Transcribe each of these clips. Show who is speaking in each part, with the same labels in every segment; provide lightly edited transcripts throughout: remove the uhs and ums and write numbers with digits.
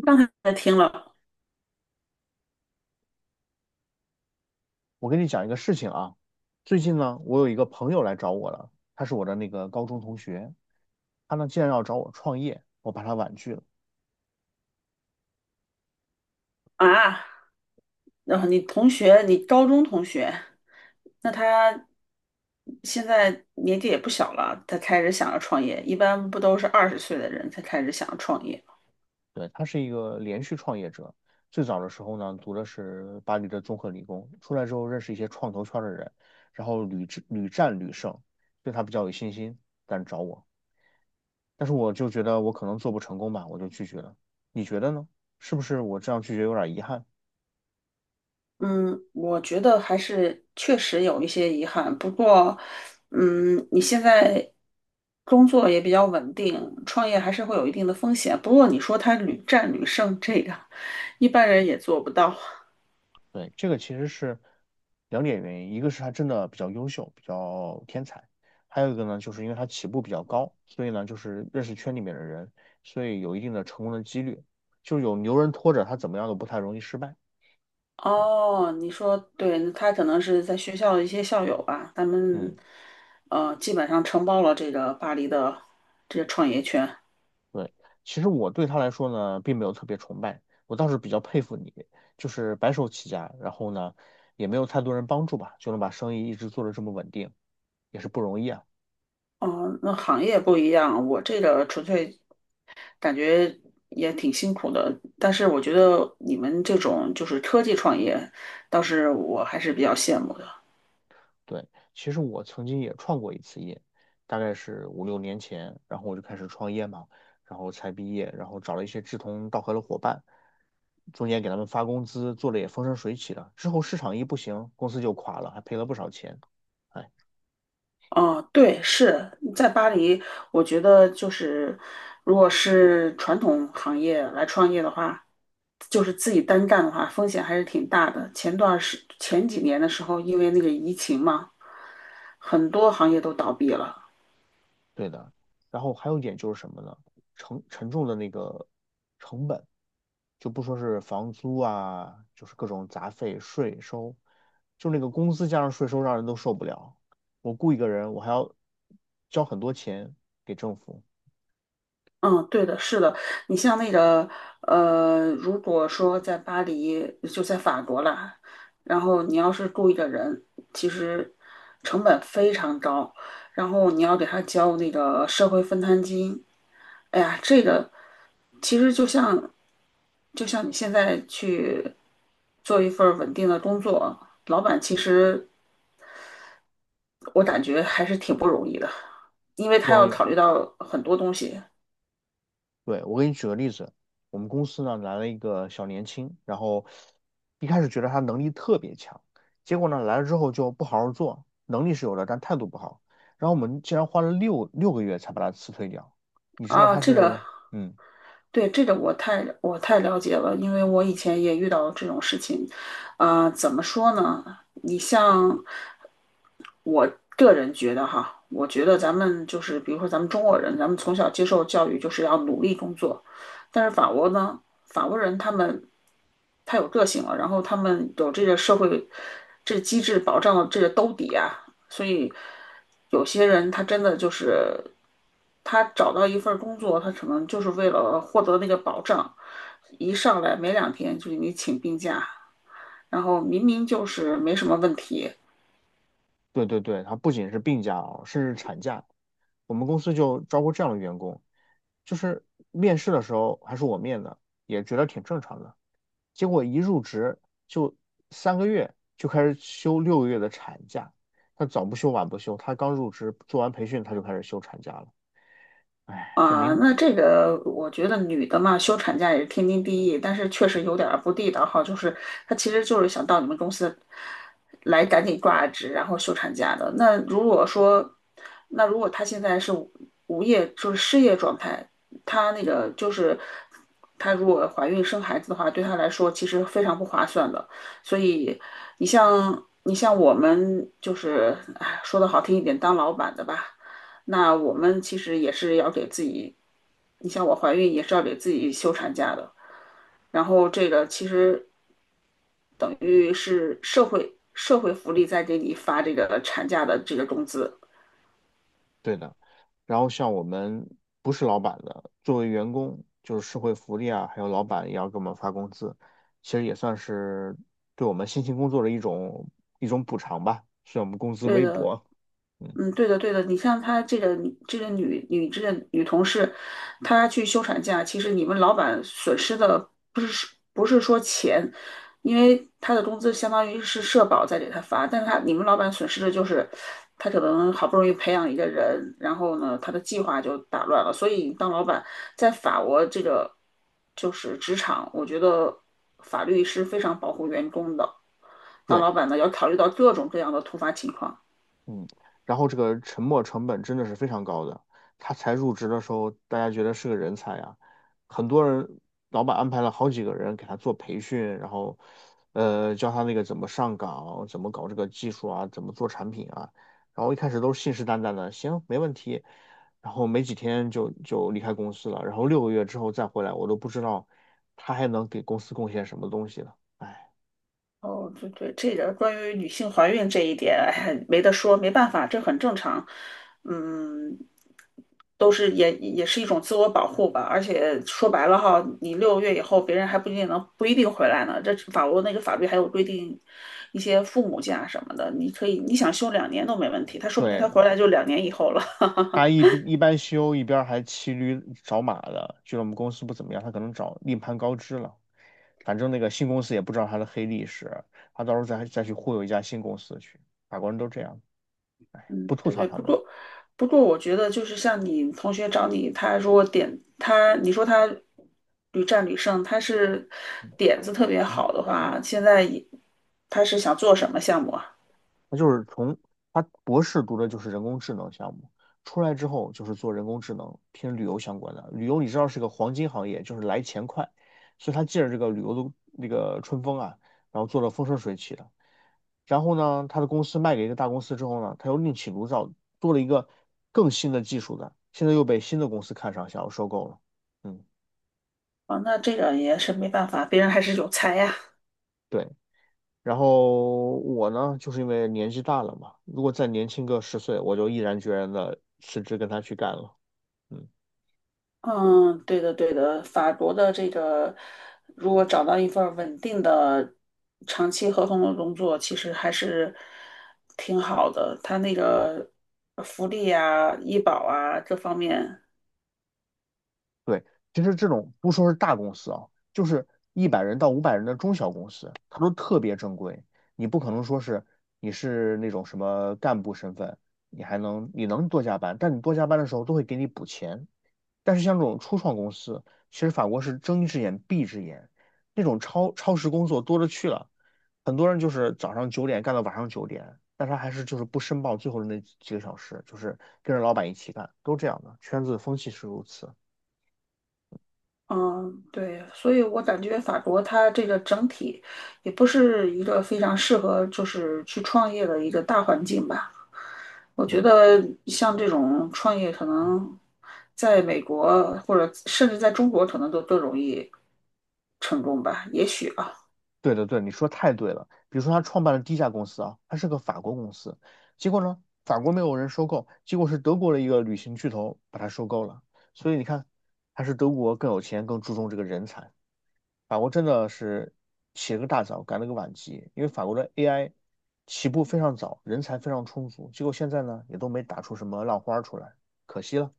Speaker 1: 刚才听了
Speaker 2: 我跟你讲一个事情啊，最近呢，我有一个朋友来找我了，他是我的那个高中同学，他呢竟然要找我创业，我把他婉拒了。
Speaker 1: 啊，然后你同学，你高中同学，那他现在年纪也不小了，他开始想要创业，一般不都是20岁的人才开始想要创业？
Speaker 2: 对，他是一个连续创业者，最早的时候呢，读的是巴黎的综合理工，出来之后认识一些创投圈的人，然后屡战屡胜，对他比较有信心，敢找我，但是我就觉得我可能做不成功吧，我就拒绝了。你觉得呢？是不是我这样拒绝有点遗憾？
Speaker 1: 嗯，我觉得还是确实有一些遗憾，不过，你现在工作也比较稳定，创业还是会有一定的风险。不过你说他屡战屡胜，这个一般人也做不到。
Speaker 2: 对，这个其实是两点原因，一个是他真的比较优秀，比较天才，还有一个呢，就是因为他起步比较高，所以呢，就是认识圈里面的人，所以有一定的成功的几率，就是有牛人拖着他怎么样都不太容易失败。
Speaker 1: 哦，你说对，他可能是在学校的一些校友吧，他们
Speaker 2: 嗯，
Speaker 1: 基本上承包了这个巴黎的这个创业圈。
Speaker 2: 对，其实我对他来说呢，并没有特别崇拜，我倒是比较佩服你，就是白手起家，然后呢，也没有太多人帮助吧，就能把生意一直做的这么稳定，也是不容易啊。
Speaker 1: 哦，那行业不一样，我这个纯粹感觉也挺辛苦的，但是我觉得你们这种就是科技创业，倒是我还是比较羡慕的。
Speaker 2: 对，其实我曾经也创过一次业，大概是5、6年前，然后我就开始创业嘛，然后才毕业，然后找了一些志同道合的伙伴，中间给他们发工资，做的也风生水起的，之后市场一不行，公司就垮了，还赔了不少钱。哎。
Speaker 1: 哦，对，是在巴黎，我觉得就是，如果是传统行业来创业的话，就是自己单干的话，风险还是挺大的。前几年的时候，因为那个疫情嘛，很多行业都倒闭了。
Speaker 2: 对的。然后还有一点就是什么呢？沉重的那个成本，就不说是房租啊，就是各种杂费、税收，就那个工资加上税收，让人都受不了。我雇一个人，我还要交很多钱给政府，
Speaker 1: 嗯，对的，是的。你像那个，呃，如果说在巴黎，就在法国了，然后你要是雇一个人，其实成本非常高，然后你要给他交那个社会分摊金，哎呀，这个其实就像你现在去做一份儿稳定的工作，老板其实我感觉还是挺不容易的，因为
Speaker 2: 不
Speaker 1: 他
Speaker 2: 容
Speaker 1: 要
Speaker 2: 易。
Speaker 1: 考虑到很多东西。
Speaker 2: 对，我给你举个例子，我们公司呢来了一个小年轻，然后一开始觉得他能力特别强，结果呢来了之后就不好好做，能力是有的，但态度不好，然后我们竟然花了六个月才把他辞退掉。你知道
Speaker 1: 啊，
Speaker 2: 他是，嗯，
Speaker 1: 对，这个我太了解了，因为我以前也遇到这种事情。啊、怎么说呢？你像我个人觉得哈，我觉得咱们就是比如说咱们中国人，咱们从小接受教育就是要努力工作，但是法国呢，法国人他们太有个性了，然后他们有这个社会这个机制保障了这个兜底啊，所以有些人他真的就是他找到一份工作，他可能就是为了获得那个保障，一上来没2天就给你请病假，然后明明就是没什么问题。
Speaker 2: 对对对，他不仅是病假哦，甚至产假。我们公司就招过这样的员工，就是面试的时候还是我面的，也觉得挺正常的。结果一入职就3个月就开始休六个月的产假，他早不休晚不休，他刚入职做完培训他就开始休产假了，哎，
Speaker 1: 啊，那这个我觉得女的嘛，休产假也是天经地义，但是确实有点儿不地道哈，就是她其实就是想到你们公司来赶紧挂职，然后休产假的。那如果说，那如果她现在是无业，就是失业状态，她那个就是她如果怀孕生孩子的话，对她来说其实非常不划算的。所以你像我们就是，哎，说的好听一点，当老板的吧。那我们其实也是要给自己，你像我怀孕也是要给自己休产假的，然后这个其实等于是社会福利在给你发这个产假的这个工资。
Speaker 2: 对的。然后像我们不是老板的，作为员工，就是社会福利啊，还有老板也要给我们发工资，其实也算是对我们辛勤工作的一种补偿吧，虽然我们工资
Speaker 1: 对
Speaker 2: 微
Speaker 1: 的，
Speaker 2: 薄，嗯，
Speaker 1: 嗯，对的，对的。你像她这个这个女女这个女同事，她去休产假，其实你们老板损失的不是说钱，因为她的工资相当于是社保在给她发，但是她你们老板损失的就是，她可能好不容易培养一个人，然后呢，她的计划就打乱了。所以当老板在法国这个就是职场，我觉得法律是非常保护员工的。当
Speaker 2: 对。
Speaker 1: 老板呢，要考虑到各种各样的突发情况。
Speaker 2: 嗯，然后这个沉没成本真的是非常高的。他才入职的时候，大家觉得是个人才啊，很多人老板安排了好几个人给他做培训，然后教他那个怎么上岗，怎么搞这个技术啊，怎么做产品啊。然后一开始都是信誓旦旦的，行，没问题。然后没几天就离开公司了，然后六个月之后再回来，我都不知道他还能给公司贡献什么东西了。哎，
Speaker 1: 哦，对对，这个关于女性怀孕这一点，哎没得说，没办法，这很正常。嗯，都是也是一种自我保护吧。而且说白了哈，你6个月以后，别人还不一定能不一定回来呢。这法国那个法律还有规定一些父母假什么的，你可以你想休两年都没问题，他说不定他
Speaker 2: 对，
Speaker 1: 回来就两年以后了。
Speaker 2: 他一边修一边还骑驴找马的，觉得我们公司不怎么样，他可能找另攀高枝了。反正那个新公司也不知道他的黑历史，他到时候再去忽悠一家新公司去。法国人都这样，不
Speaker 1: 嗯，
Speaker 2: 吐
Speaker 1: 对
Speaker 2: 槽
Speaker 1: 对，
Speaker 2: 他
Speaker 1: 不
Speaker 2: 们。
Speaker 1: 过，不过，我觉得就是像你同学找你，他如果点他，你说他屡战屡胜，他是点子特别好的话，现在也他是想做什么项目啊？
Speaker 2: 他就是从他博士读的就是人工智能项目，出来之后就是做人工智能偏旅游相关的。旅游你知道是个黄金行业，就是来钱快，所以他借着这个旅游的那个春风啊，然后做的风生水起的。然后呢，他的公司卖给一个大公司之后呢，他又另起炉灶做了一个更新的技术的，现在又被新的公司看上，想要收购了。嗯，
Speaker 1: 啊，那这个也是没办法，别人还是有才呀。
Speaker 2: 对。然后我呢，就是因为年纪大了嘛，如果再年轻个10岁，我就毅然决然的辞职跟他去干了。嗯，
Speaker 1: 嗯，对的对的，法国的这个如果找到一份儿稳定的长期合同的工作，其实还是挺好的，他那个福利啊、医保啊这方面。
Speaker 2: 对，其实这种不说是大公司啊，就是100人到500人的中小公司，它都特别正规，你不可能说是你是那种什么干部身份，你能多加班，但你多加班的时候都会给你补钱。但是像这种初创公司，其实法国是睁一只眼闭一只眼，那种超时工作多了去了。很多人就是早上九点干到晚上九点，但他还是就是不申报最后的那几个小时，就是跟着老板一起干，都这样的，圈子风气是如此。
Speaker 1: 嗯，对，所以我感觉法国它这个整体也不是一个非常适合就是去创业的一个大环境吧。我觉
Speaker 2: 嗯，
Speaker 1: 得像这种创业，可能在美国或者甚至在中国，可能都更容易成功吧，也许啊。
Speaker 2: 对的对，你说太对了。比如说他创办了第一家公司啊，他是个法国公司，结果呢，法国没有人收购，结果是德国的一个旅行巨头把他收购了。所以你看，还是德国更有钱，更注重这个人才。法国真的是起了个大早，赶了个晚集，因为法国的 AI 起步非常早，人才非常充足，结果现在呢也都没打出什么浪花出来，可惜了。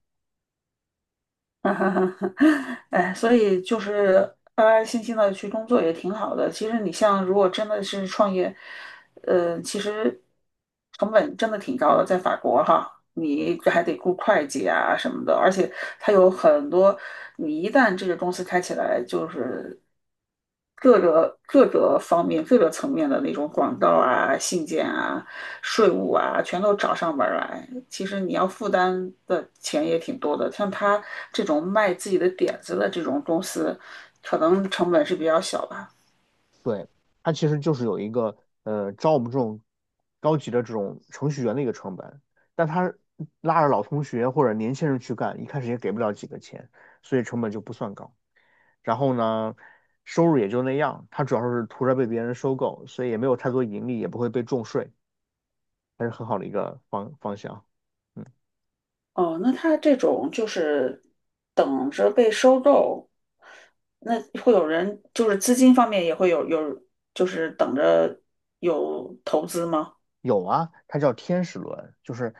Speaker 1: 哈哈哈，哎，所以就是安安心心的去工作也挺好的。其实你像如果真的是创业，呃，其实成本真的挺高的，在法国哈，你还得雇会计啊什么的，而且它有很多，你一旦这个公司开起来，就是。各个方面、各个层面的那种广告啊、信件啊、税务啊，全都找上门儿来。其实你要负担的钱也挺多的。像他这种卖自己的点子的这种公司，可能成本是比较小吧。
Speaker 2: 对，它其实就是有一个招我们这种高级的这种程序员的一个成本，但他拉着老同学或者年轻人去干，一开始也给不了几个钱，所以成本就不算高。然后呢，收入也就那样，他主要是图着被别人收购，所以也没有太多盈利，也不会被重税。还是很好的一个方向。
Speaker 1: 哦，那他这种就是等着被收购，那会有人就是资金方面也会有，就是等着有投资吗？
Speaker 2: 有啊，它叫天使轮，就是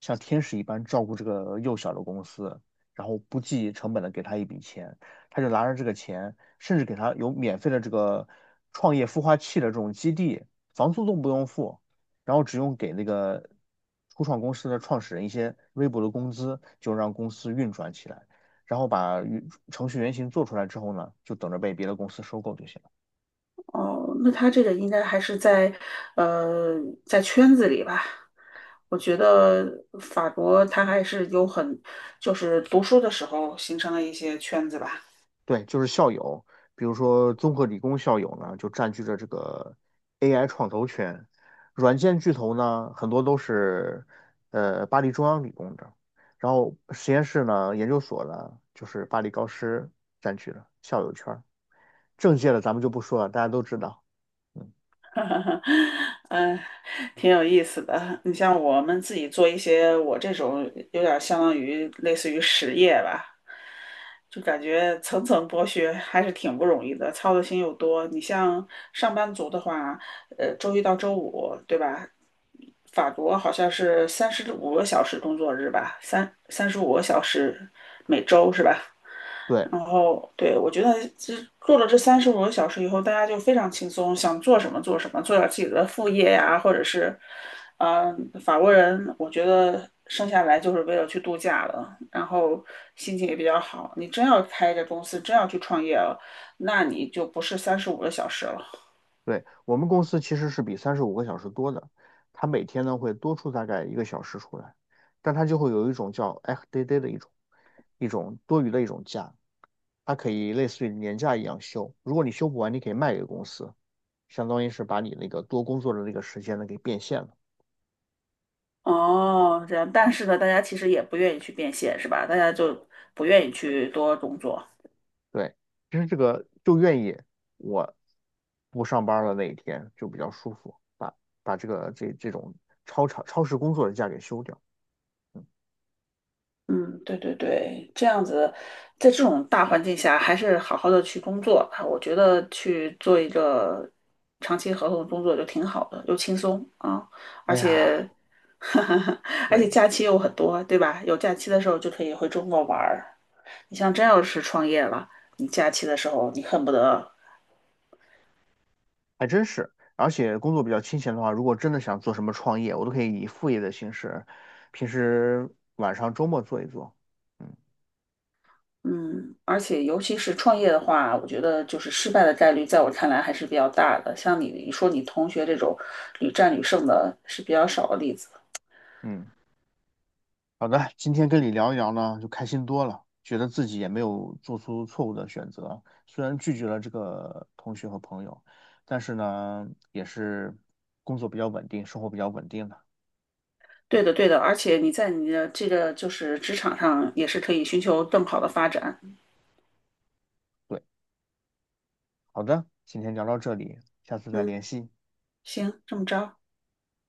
Speaker 2: 像天使一般照顾这个幼小的公司，然后不计成本的给他一笔钱，他就拿着这个钱，甚至给他有免费的这个创业孵化器的这种基地，房租都不用付，然后只用给那个初创公司的创始人一些微薄的工资，就让公司运转起来，然后把程序原型做出来之后呢，就等着被别的公司收购就行了。
Speaker 1: 哦，那他这个应该还是在，呃，在圈子里吧。我觉得法国他还是有很，就是读书的时候形成了一些圈子吧。
Speaker 2: 对，就是校友，比如说综合理工校友呢，就占据着这个 AI 创投圈；软件巨头呢，很多都是巴黎中央理工的，然后实验室呢、研究所呢，就是巴黎高师占据了校友圈儿。政界的咱们就不说了，大家都知道。嗯，
Speaker 1: 哈哈，嗯，挺有意思的。你像我们自己做一些，我这种有点相当于类似于实业吧，就感觉层层剥削还是挺不容易的，操的心又多。你像上班族的话，呃，周一到周五，对吧？法国好像是三十五个小时工作日吧，三十五个小时每周是吧？
Speaker 2: 对
Speaker 1: 然后，对，我觉得这做了这三十五个小时以后，大家就非常轻松，想做什么做什么，做点自己的副业呀，或者是，嗯、法国人，我觉得生下来就是为了去度假的，然后心情也比较好。你真要开这公司，真要去创业了，那你就不是三十五个小时了。
Speaker 2: 对，我们公司其实是比35个小时多的，它每天呢会多出大概1个小时出来，但它就会有一种叫 FDAD 的一种多余的一种假。它可以类似于年假一样休。如果你休不完，你可以卖给公司，相当于是把你那个多工作的那个时间呢给变现了。
Speaker 1: 哦，这样，但是呢，大家其实也不愿意去变现，是吧？大家就不愿意去多工作。
Speaker 2: 对，其实这个就愿意我不上班了那一天就比较舒服，把这个这种超长超时工作的假给休掉。嗯，
Speaker 1: 嗯，对对对，这样子，在这种大环境下，还是好好的去工作吧。我觉得去做一个长期合同工作就挺好的，又轻松啊，而
Speaker 2: 哎呀，
Speaker 1: 且，而且
Speaker 2: 对，
Speaker 1: 假期又很多，对吧？有假期的时候就可以回中国玩儿。你像真要是创业了，你假期的时候你恨不得，
Speaker 2: 还真是。而且工作比较清闲的话，如果真的想做什么创业，我都可以以副业的形式，平时晚上周末做一做。嗯
Speaker 1: 嗯，而且尤其是创业的话，我觉得就是失败的概率，在我看来还是比较大的。像你说你同学这种屡战屡胜的，是比较少的例子。
Speaker 2: 嗯。好的，今天跟你聊一聊呢，就开心多了，觉得自己也没有做出错误的选择。虽然拒绝了这个同学和朋友，但是呢，也是工作比较稳定，生活比较稳定的。
Speaker 1: 对的，对的，而且你在你的这个就是职场上也是可以寻求更好的发展。
Speaker 2: 对，好的，今天聊到这里，下次再
Speaker 1: 嗯，
Speaker 2: 联系。
Speaker 1: 行，这么着。